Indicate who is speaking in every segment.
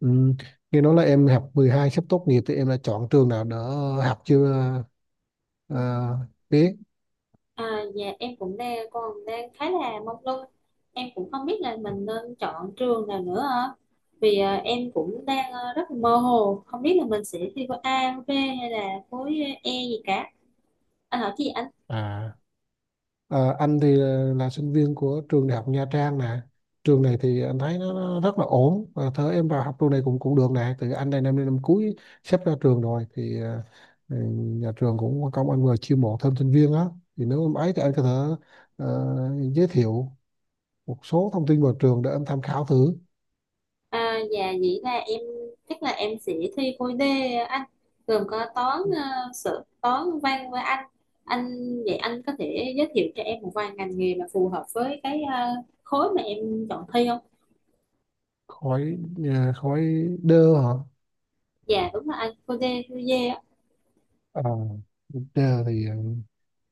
Speaker 1: Ừ. Nghe nói là em học 12 sắp tốt nghiệp thì em đã chọn trường nào đỡ học chưa? ờ, biết.
Speaker 2: À, dạ em cũng đang khá là mông lung, em cũng không biết là mình nên chọn trường nào nữa ạ. Vì em cũng đang rất là mơ hồ, không biết là mình sẽ thi khối A, khối B hay là khối E gì cả. Anh hỏi chị anh.
Speaker 1: À, anh thì là sinh viên của trường đại học Nha Trang nè. Trường này thì anh thấy nó rất là ổn và thớ em vào học trường này cũng cũng được nè. Từ anh đây năm năm cuối sắp ra trường rồi thì nhà trường cũng có công anh vừa chiêu mộ thêm sinh viên á, thì nếu em ấy thì anh có thể ờ, giới thiệu một số thông tin vào trường để em tham khảo thử.
Speaker 2: À, dạ vậy là em chắc là em sẽ thi khối D anh, gồm có toán sự toán văn với anh anh. Vậy anh có thể giới thiệu cho em một vài ngành nghề mà phù hợp với cái khối mà em chọn thi không?
Speaker 1: Khỏi khỏi đơ hả?
Speaker 2: Dạ đúng là anh, khối D, khối D.
Speaker 1: À, Tra thì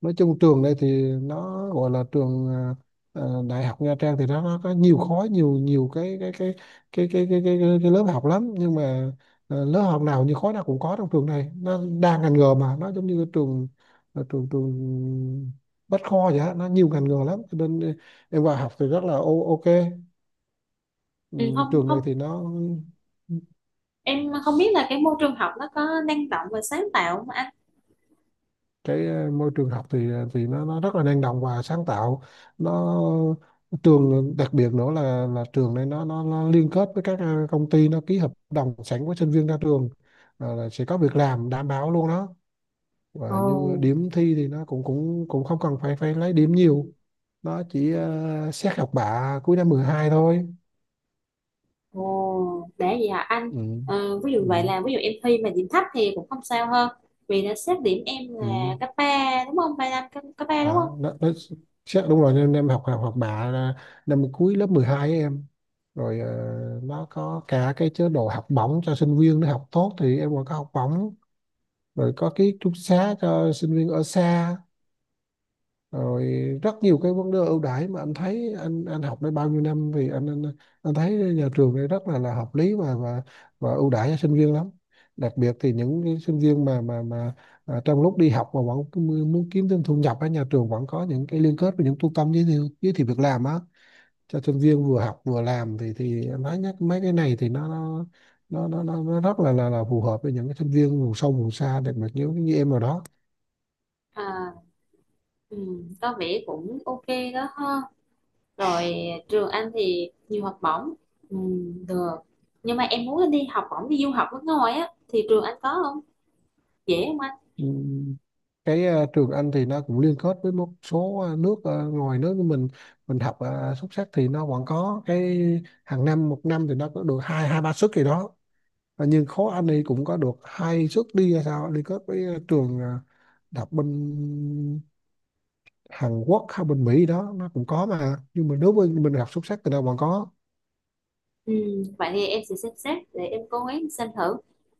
Speaker 1: nói chung trường đây thì nó gọi là trường đại học Nha Trang thì nó có nhiều khối, nhiều nhiều cái lớp học lắm, nhưng mà lớp học nào, như khối nào cũng có. Trong trường này nó đa ngành nghề, mà nó giống như cái trường ờ, trường trường Bách Khoa vậy á, nó nhiều ngành nghề lắm cho nên em vào học thì rất là ok. Ừ,
Speaker 2: Ừ, không
Speaker 1: trường
Speaker 2: không,
Speaker 1: này thì nó,
Speaker 2: em không biết là cái môi trường học nó có năng động và sáng tạo không anh?
Speaker 1: cái môi trường học thì thì nó rất là năng động và sáng tạo. Nó trường đặc biệt nữa là trường này nó liên kết với các công ty, nó ký hợp đồng sẵn với sinh viên ra trường. Ờ, là sẽ có việc làm đảm bảo luôn đó, và như
Speaker 2: Ồ.
Speaker 1: điểm thi thì nó cũng cũng cũng không cần phải phải lấy điểm nhiều, nó chỉ xét học bạ cuối năm 12 thôi.
Speaker 2: Ồ để vậy hả anh?
Speaker 1: Ừ.
Speaker 2: Ờ, ví dụ vậy
Speaker 1: Ừ.
Speaker 2: là ví dụ em thi mà điểm thấp thì cũng không sao hơn, vì đã xếp điểm em là
Speaker 1: Ừ.
Speaker 2: cấp ba đúng không, ba năm cấp 3 đúng không?
Speaker 1: Đó, chắc đúng rồi. Nên em học học học bạ là năm cuối lớp 12 ấy em. Rồi nó có cả cái chế độ học bổng cho sinh viên, nó học tốt thì em còn có học bổng, rồi có ký túc xá cho sinh viên ở xa, rồi rất nhiều cái vấn đề ưu đãi, mà anh thấy anh học đây bao nhiêu năm, vì anh thấy nhà trường đây rất là hợp lý và và ưu đãi cho sinh viên lắm. Đặc biệt thì những cái sinh viên mà mà à, trong lúc đi học mà vẫn cứ muốn kiếm thêm thu nhập, ở nhà trường vẫn có những cái liên kết với những trung tâm giới thiệu việc làm á, cho sinh viên vừa học vừa làm. Thì anh nói nhắc mấy cái này thì nó nó rất là là phù hợp với những cái sinh viên vùng sâu vùng xa, đặc biệt như như em rồi đó.
Speaker 2: À, ừ, có vẻ cũng ok đó ha. Rồi, trường anh thì nhiều học bổng, ừ, được, nhưng mà em muốn đi học bổng đi du học nước ngoài á thì trường anh có không, dễ không?
Speaker 1: Ừ, cái trường Anh thì nó cũng liên kết với một số nước ngoài nước của mình. Mình học xuất sắc thì nó vẫn có cái hàng năm, một năm thì nó có được hai hai ba suất gì đó. Và nhưng khối Anh thì cũng có được hai suất đi hay sao, liên kết với trường đọc bên Hàn Quốc hay bên Mỹ đó, nó cũng có. Mà nhưng mà nếu bên mình học xuất sắc thì nó vẫn có.
Speaker 2: Ừ, vậy thì em sẽ xem xét để em cố gắng xem thử,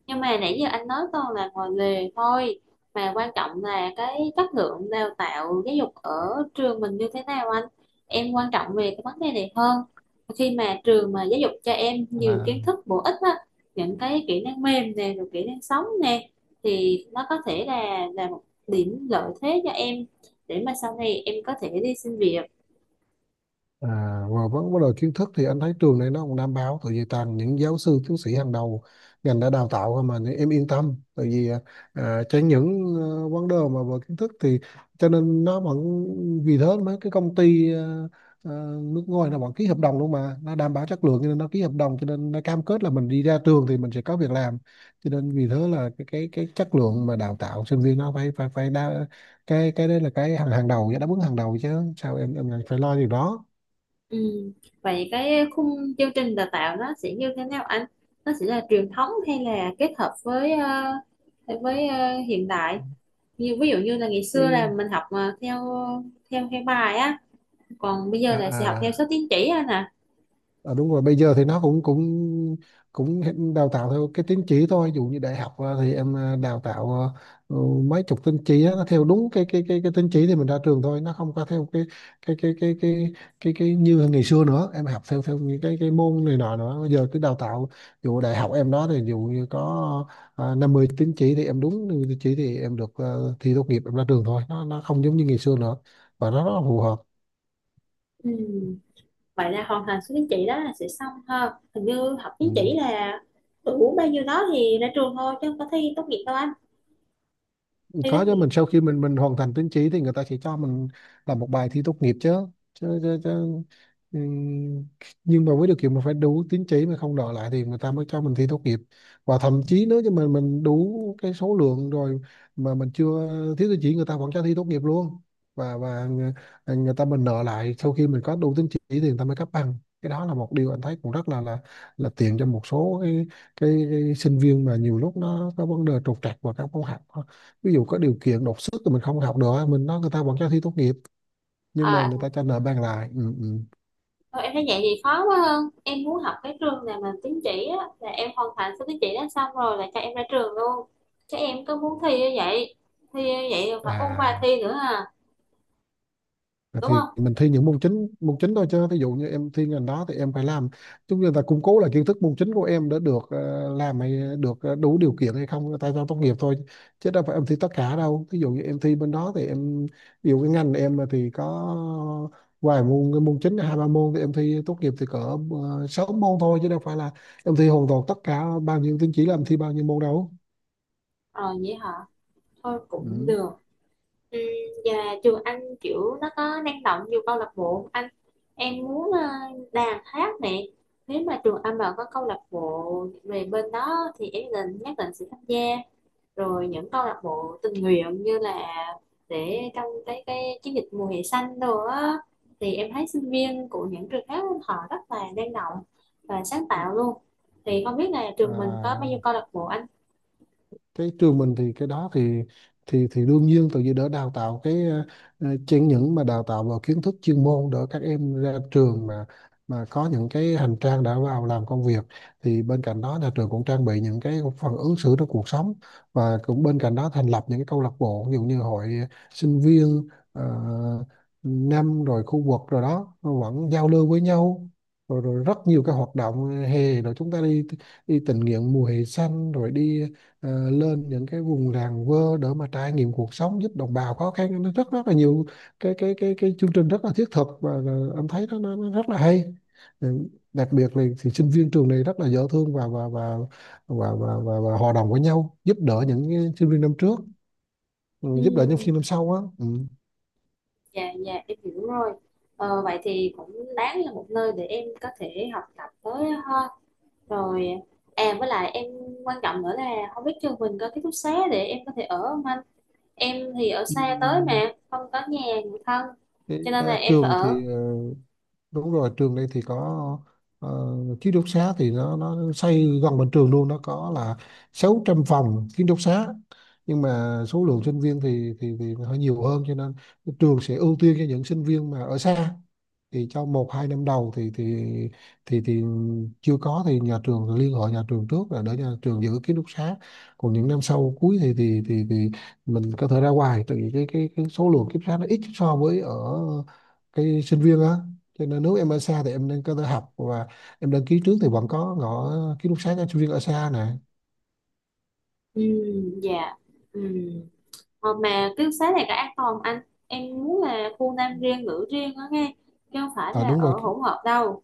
Speaker 2: nhưng mà nãy giờ anh nói toàn là ngoài lề thôi, mà quan trọng là cái chất lượng đào tạo giáo dục ở trường mình như thế nào anh. Em quan trọng về cái vấn đề này hơn. Khi mà trường mà giáo dục cho em nhiều kiến thức bổ ích á, những cái kỹ năng mềm nè, rồi kỹ năng sống nè, thì nó có thể là một điểm lợi thế cho em để mà sau này em có thể đi xin việc.
Speaker 1: À, và vấn vấn đề kiến thức thì anh thấy trường này nó cũng đảm bảo, tại vì toàn những giáo sư tiến sĩ hàng đầu ngành đã đào tạo thôi mà, nên em yên tâm. Tại vì à, tránh những vấn đề mà về kiến thức thì cho nên nó vẫn, vì thế mấy cái công ty ờ, nước ngoài nó vẫn ký hợp đồng luôn mà, nó đảm bảo chất lượng cho nên nó ký hợp đồng, cho nên nó cam kết là mình đi ra trường thì mình sẽ có việc làm. Cho nên vì thế là cái cái chất lượng mà đào tạo sinh viên nó phải phải phải đa, cái đấy là cái hàng hàng đầu, đáp ứng hàng đầu chứ sao em lại phải lo điều đó.
Speaker 2: Ừ. Vậy cái khung chương trình đào tạo nó sẽ như thế nào anh? Nó sẽ là truyền thống hay là kết hợp với với hiện đại? Như ví dụ như là ngày xưa là
Speaker 1: Cái
Speaker 2: mình học mà theo theo theo bài á, còn bây giờ
Speaker 1: à
Speaker 2: là sẽ học theo
Speaker 1: à
Speaker 2: số tín chỉ anh à.
Speaker 1: À, đúng rồi, bây giờ thì nó cũng cũng cũng hiện đào tạo theo cái tín chỉ thôi. Ví dụ như đại học à, thì em à, đào tạo à, ừ, mấy chục tín chỉ á, nó theo đúng cái cái tín chỉ thì mình ra trường thôi, nó không có theo cái cái cái cái cái cái như ngày xưa nữa. Em học theo theo những cái môn này nọ nữa, bây giờ cứ đào tạo, ví dụ đại học em đó thì ví dụ như có 50 tín chỉ thì em đúng 50 tín chỉ thì em được thi tốt nghiệp, em ra trường thôi. Nó không giống như ngày xưa nữa và nó rất là phù hợp.
Speaker 2: Ừ. Vậy là hoàn thành số tín chỉ đó là sẽ xong ha. Hình như học
Speaker 1: Ừ.
Speaker 2: tín chỉ là đủ bao nhiêu đó thì ra trường thôi chứ không có thi tốt nghiệp đâu anh. Thi tốt
Speaker 1: Có chứ,
Speaker 2: nghiệp.
Speaker 1: mình sau khi mình hoàn thành tín chỉ thì người ta sẽ cho mình làm một bài thi tốt nghiệp chứ. Chứ, chứ, chứ. Ừm, nhưng mà với điều kiện mình phải đủ tín chỉ mà không đòi lại, thì người ta mới cho mình thi tốt nghiệp. Và thậm chí nếu như mình đủ cái số lượng rồi, mà mình chưa, thiếu tín chỉ, người ta vẫn cho thi tốt nghiệp luôn. và và người, Người ta mình nợ lại, sau khi mình có đủ tín chỉ thì người ta mới cấp bằng. Cái đó là một điều anh thấy cũng rất là là tiện cho một số cái sinh viên mà nhiều lúc nó có vấn đề trục trặc và các môn học, ví dụ có điều kiện đột xuất thì mình không học được, mình nói người ta vẫn cho thi tốt nghiệp, nhưng mà
Speaker 2: À,
Speaker 1: người ta cho nợ bằng lại. Ừ, ừ.
Speaker 2: thôi em thấy vậy thì khó quá hơn. Em muốn học cái trường nào mà tín chỉ á, là em hoàn thành số tín chỉ đó xong rồi là cho em ra trường luôn. Chứ em cứ muốn thi như vậy, thi như vậy là phải ôn bài
Speaker 1: à
Speaker 2: thi nữa à,
Speaker 1: À,
Speaker 2: đúng
Speaker 1: thì
Speaker 2: không?
Speaker 1: mình thi những môn chính, thôi chứ. Ví dụ như em thi ngành đó thì em phải làm chúng, người ta củng cố lại kiến thức môn chính của em để được làm hay được đủ điều kiện hay không tại sao tốt nghiệp thôi, chứ đâu phải em thi tất cả đâu. Ví dụ như em thi bên đó thì em, ví dụ cái ngành em mà thì có vài môn, cái môn chính hai ba môn, thì em thi tốt nghiệp thì cỡ sáu môn thôi, chứ đâu phải là em thi hoàn toàn tất cả, bao nhiêu tín chỉ là em thi bao nhiêu môn đâu.
Speaker 2: Rồi vậy hả? Thôi cũng
Speaker 1: Ừ.
Speaker 2: được, ừ. Và trường anh kiểu nó có năng động nhiều câu lạc bộ không anh? Em muốn đàn hát nè. Nếu mà trường anh mà có câu lạc bộ về bên đó thì em định nhất định sẽ tham gia, rồi những câu lạc bộ tình nguyện, như là để trong cái chiến dịch mùa hè xanh đồ á, thì em thấy sinh viên của những trường khác họ rất là năng động và sáng
Speaker 1: Ừ.
Speaker 2: tạo luôn. Thì không biết là trường mình có bao
Speaker 1: à,
Speaker 2: nhiêu câu lạc bộ anh?
Speaker 1: cái trường mình thì cái đó thì thì đương nhiên, tại vì đỡ đào tạo cái chẳng những mà đào tạo vào kiến thức chuyên môn, đỡ các em ra trường mà có những cái hành trang đã vào làm công việc. Thì bên cạnh đó nhà trường cũng trang bị những cái phần ứng xử trong cuộc sống, và cũng bên cạnh đó thành lập những cái câu lạc bộ, ví dụ như hội sinh viên năm rồi khu vực rồi đó vẫn giao lưu với nhau. Rồi, rồi rất nhiều cái hoạt động hè, rồi chúng ta đi đi tình nguyện mùa hè xanh, rồi đi lên những cái vùng làng quê để mà trải nghiệm cuộc sống, giúp đồng bào khó khăn. Nó rất rất là nhiều cái cái chương trình rất là thiết thực, và là em thấy nó rất là hay. Ừ, đặc biệt là thì sinh viên trường này rất là dễ thương và và hòa đồng với nhau, giúp đỡ những cái sinh viên năm trước, ừ, giúp đỡ những sinh
Speaker 2: Ừ,
Speaker 1: viên năm sau á. Ừ.
Speaker 2: dạ dạ em hiểu rồi. Ờ, vậy thì cũng đáng là một nơi để em có thể học tập tới ha. Rồi, à với lại em quan trọng nữa là không biết trường mình có ký túc xá để em có thể ở không anh. Em thì ở xa tới
Speaker 1: Ừm,
Speaker 2: mà không có nhà người thân, cho nên là em phải
Speaker 1: Trường
Speaker 2: ở.
Speaker 1: thì đúng rồi, trường đây thì có ờ, ký túc xá thì nó xây gần bên trường luôn. Nó có là 600 phòng ký túc xá, nhưng mà số lượng sinh viên thì hơi nhiều hơn, cho nên trường sẽ ưu tiên cho những sinh viên mà ở xa. Thì trong một hai năm đầu thì thì chưa có thì nhà trường liên hệ, nhà trường trước là để nhà trường giữ ký túc xá. Còn những năm sau cuối thì thì mình có thể ra ngoài, tại vì cái số lượng ký túc xá nó ít so với ở cái sinh viên á. Cho nên nếu em ở xa thì em nên có thể học và em đăng ký trước thì vẫn có ngõ ký túc xá cho sinh viên ở xa nè.
Speaker 2: Ừ. Dạ. Ừ. Ờ, mà ký túc xá này có an toàn anh? Em muốn là khu nam riêng nữ riêng đó nghe, chứ không phải
Speaker 1: À,
Speaker 2: là
Speaker 1: đúng
Speaker 2: ở
Speaker 1: rồi.
Speaker 2: hỗn hợp đâu.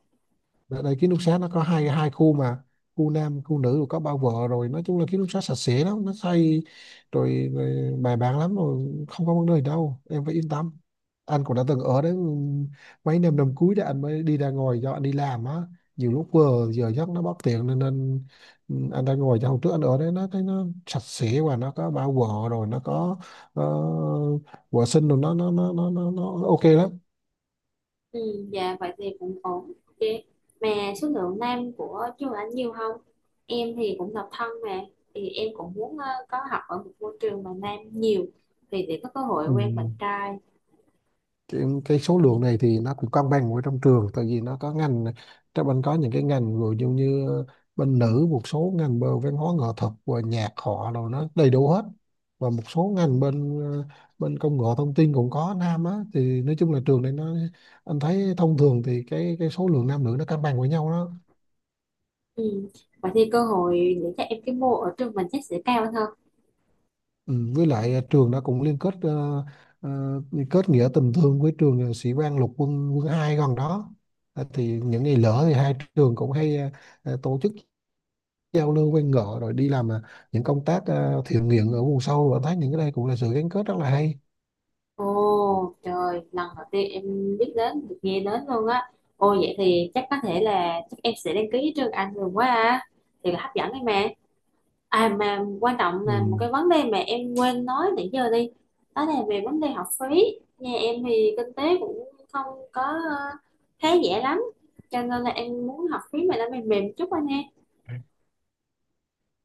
Speaker 1: Đợt này ký túc xá nó có hai hai khu mà, khu nam khu nữ, rồi có bao vợ. Rồi nói chung là ký túc xá sạch sẽ lắm, nó xây rồi, rồi bài bản lắm rồi, không có vấn đề đâu, em phải yên tâm. Anh cũng đã từng ở đấy mấy năm, năm cuối đó anh mới đi ra ngoài do anh đi làm á, nhiều lúc vừa giờ giấc nó bất tiện nên anh ra ngoài. Cho hôm trước anh ở đấy nó thấy nó sạch sẽ, và nó có bao vợ rồi nó có ờ, vệ sinh rồi nó nó ok lắm.
Speaker 2: Ừ. Dạ vậy thì cũng ổn, ok. Mà số lượng nam của trường anh nhiều không? Em thì cũng độc thân mà, thì em cũng muốn có học ở một môi trường mà nam nhiều, thì để có cơ hội
Speaker 1: Ừ.
Speaker 2: quen bạn trai.
Speaker 1: Cái số lượng này thì nó cũng cân bằng ở trong trường, tại vì nó có ngành trong bên có những cái ngành, ví dụ như bên nữ một số ngành bên văn hóa nghệ thuật và nhạc họ, rồi nó đầy đủ hết, và một số ngành bên bên công nghệ thông tin cũng có nam á. Thì nói chung là trường này nó, anh thấy thông thường thì cái số lượng nam nữ nó cân bằng với nhau đó.
Speaker 2: Ừ. Vậy thì cơ hội để cho em cái mô ở trường mình chắc sẽ cao hơn.
Speaker 1: Ừ, với lại à, trường đã cũng liên kết ờ, liên kết nghĩa tình thương với trường à, sĩ quan lục quân quân 2 gần đó. Ờ, thì những ngày lỡ thì hai trường cũng hay tổ chức giao lưu quen ngọ, rồi đi làm à, những công tác à, thiện nguyện ở vùng sâu, và thấy những cái đây cũng là sự gắn kết rất là hay.
Speaker 2: Ồ trời, lần đầu tiên em biết đến, được nghe đến luôn á. Ồ vậy thì chắc có thể là chắc em sẽ đăng ký trường Anh luôn quá à. Thì là hấp dẫn đấy mà. À mà quan trọng
Speaker 1: Ừ.
Speaker 2: là một cái vấn đề mà em quên nói nãy giờ đi. Đó là về vấn đề học phí. Nhà em thì kinh tế cũng không có khá giả lắm. Cho nên là em muốn học phí mà nó mềm mềm chút anh ha.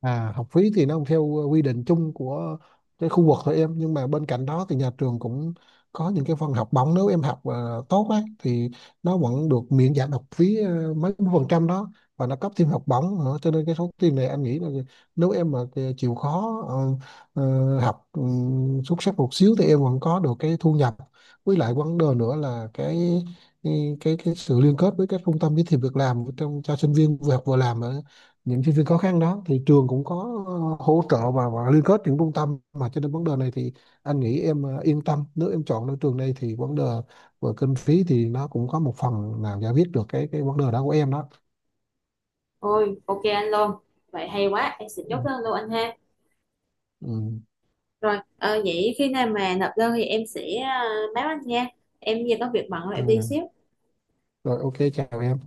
Speaker 1: À, học phí thì nó không theo quy định chung của cái khu vực thôi em, nhưng mà bên cạnh đó thì nhà trường cũng có những cái phần học bổng. Nếu em học tốt á thì nó vẫn được miễn giảm học phí mấy phần trăm đó, và nó cấp thêm học bổng nữa. Cho nên cái số tiền này anh nghĩ là nếu em mà chịu khó học xuất sắc một xíu thì em vẫn có được cái thu nhập. Với lại vấn đề nữa là cái sự liên kết với các trung tâm giới thiệu việc làm trong, cho sinh viên vừa học vừa làm, những sinh viên khó khăn đó, thì trường cũng có hỗ trợ và liên kết những trung tâm mà. Cho nên vấn đề này thì anh nghĩ em yên tâm, nếu em chọn được trường này thì vấn đề về kinh phí thì nó cũng có một phần nào giải quyết được cái vấn đề đó của em đó.
Speaker 2: Ôi ok anh luôn. Vậy hay quá, em sẽ chốt
Speaker 1: Ừ.
Speaker 2: đơn luôn anh ha.
Speaker 1: Ừ.
Speaker 2: Rồi, vậy khi nào mà nộp đơn thì em sẽ ờ, báo anh nha. Em giờ có việc bận rồi, em đi
Speaker 1: Ừ.
Speaker 2: xíu.
Speaker 1: Rồi, ok, chào em.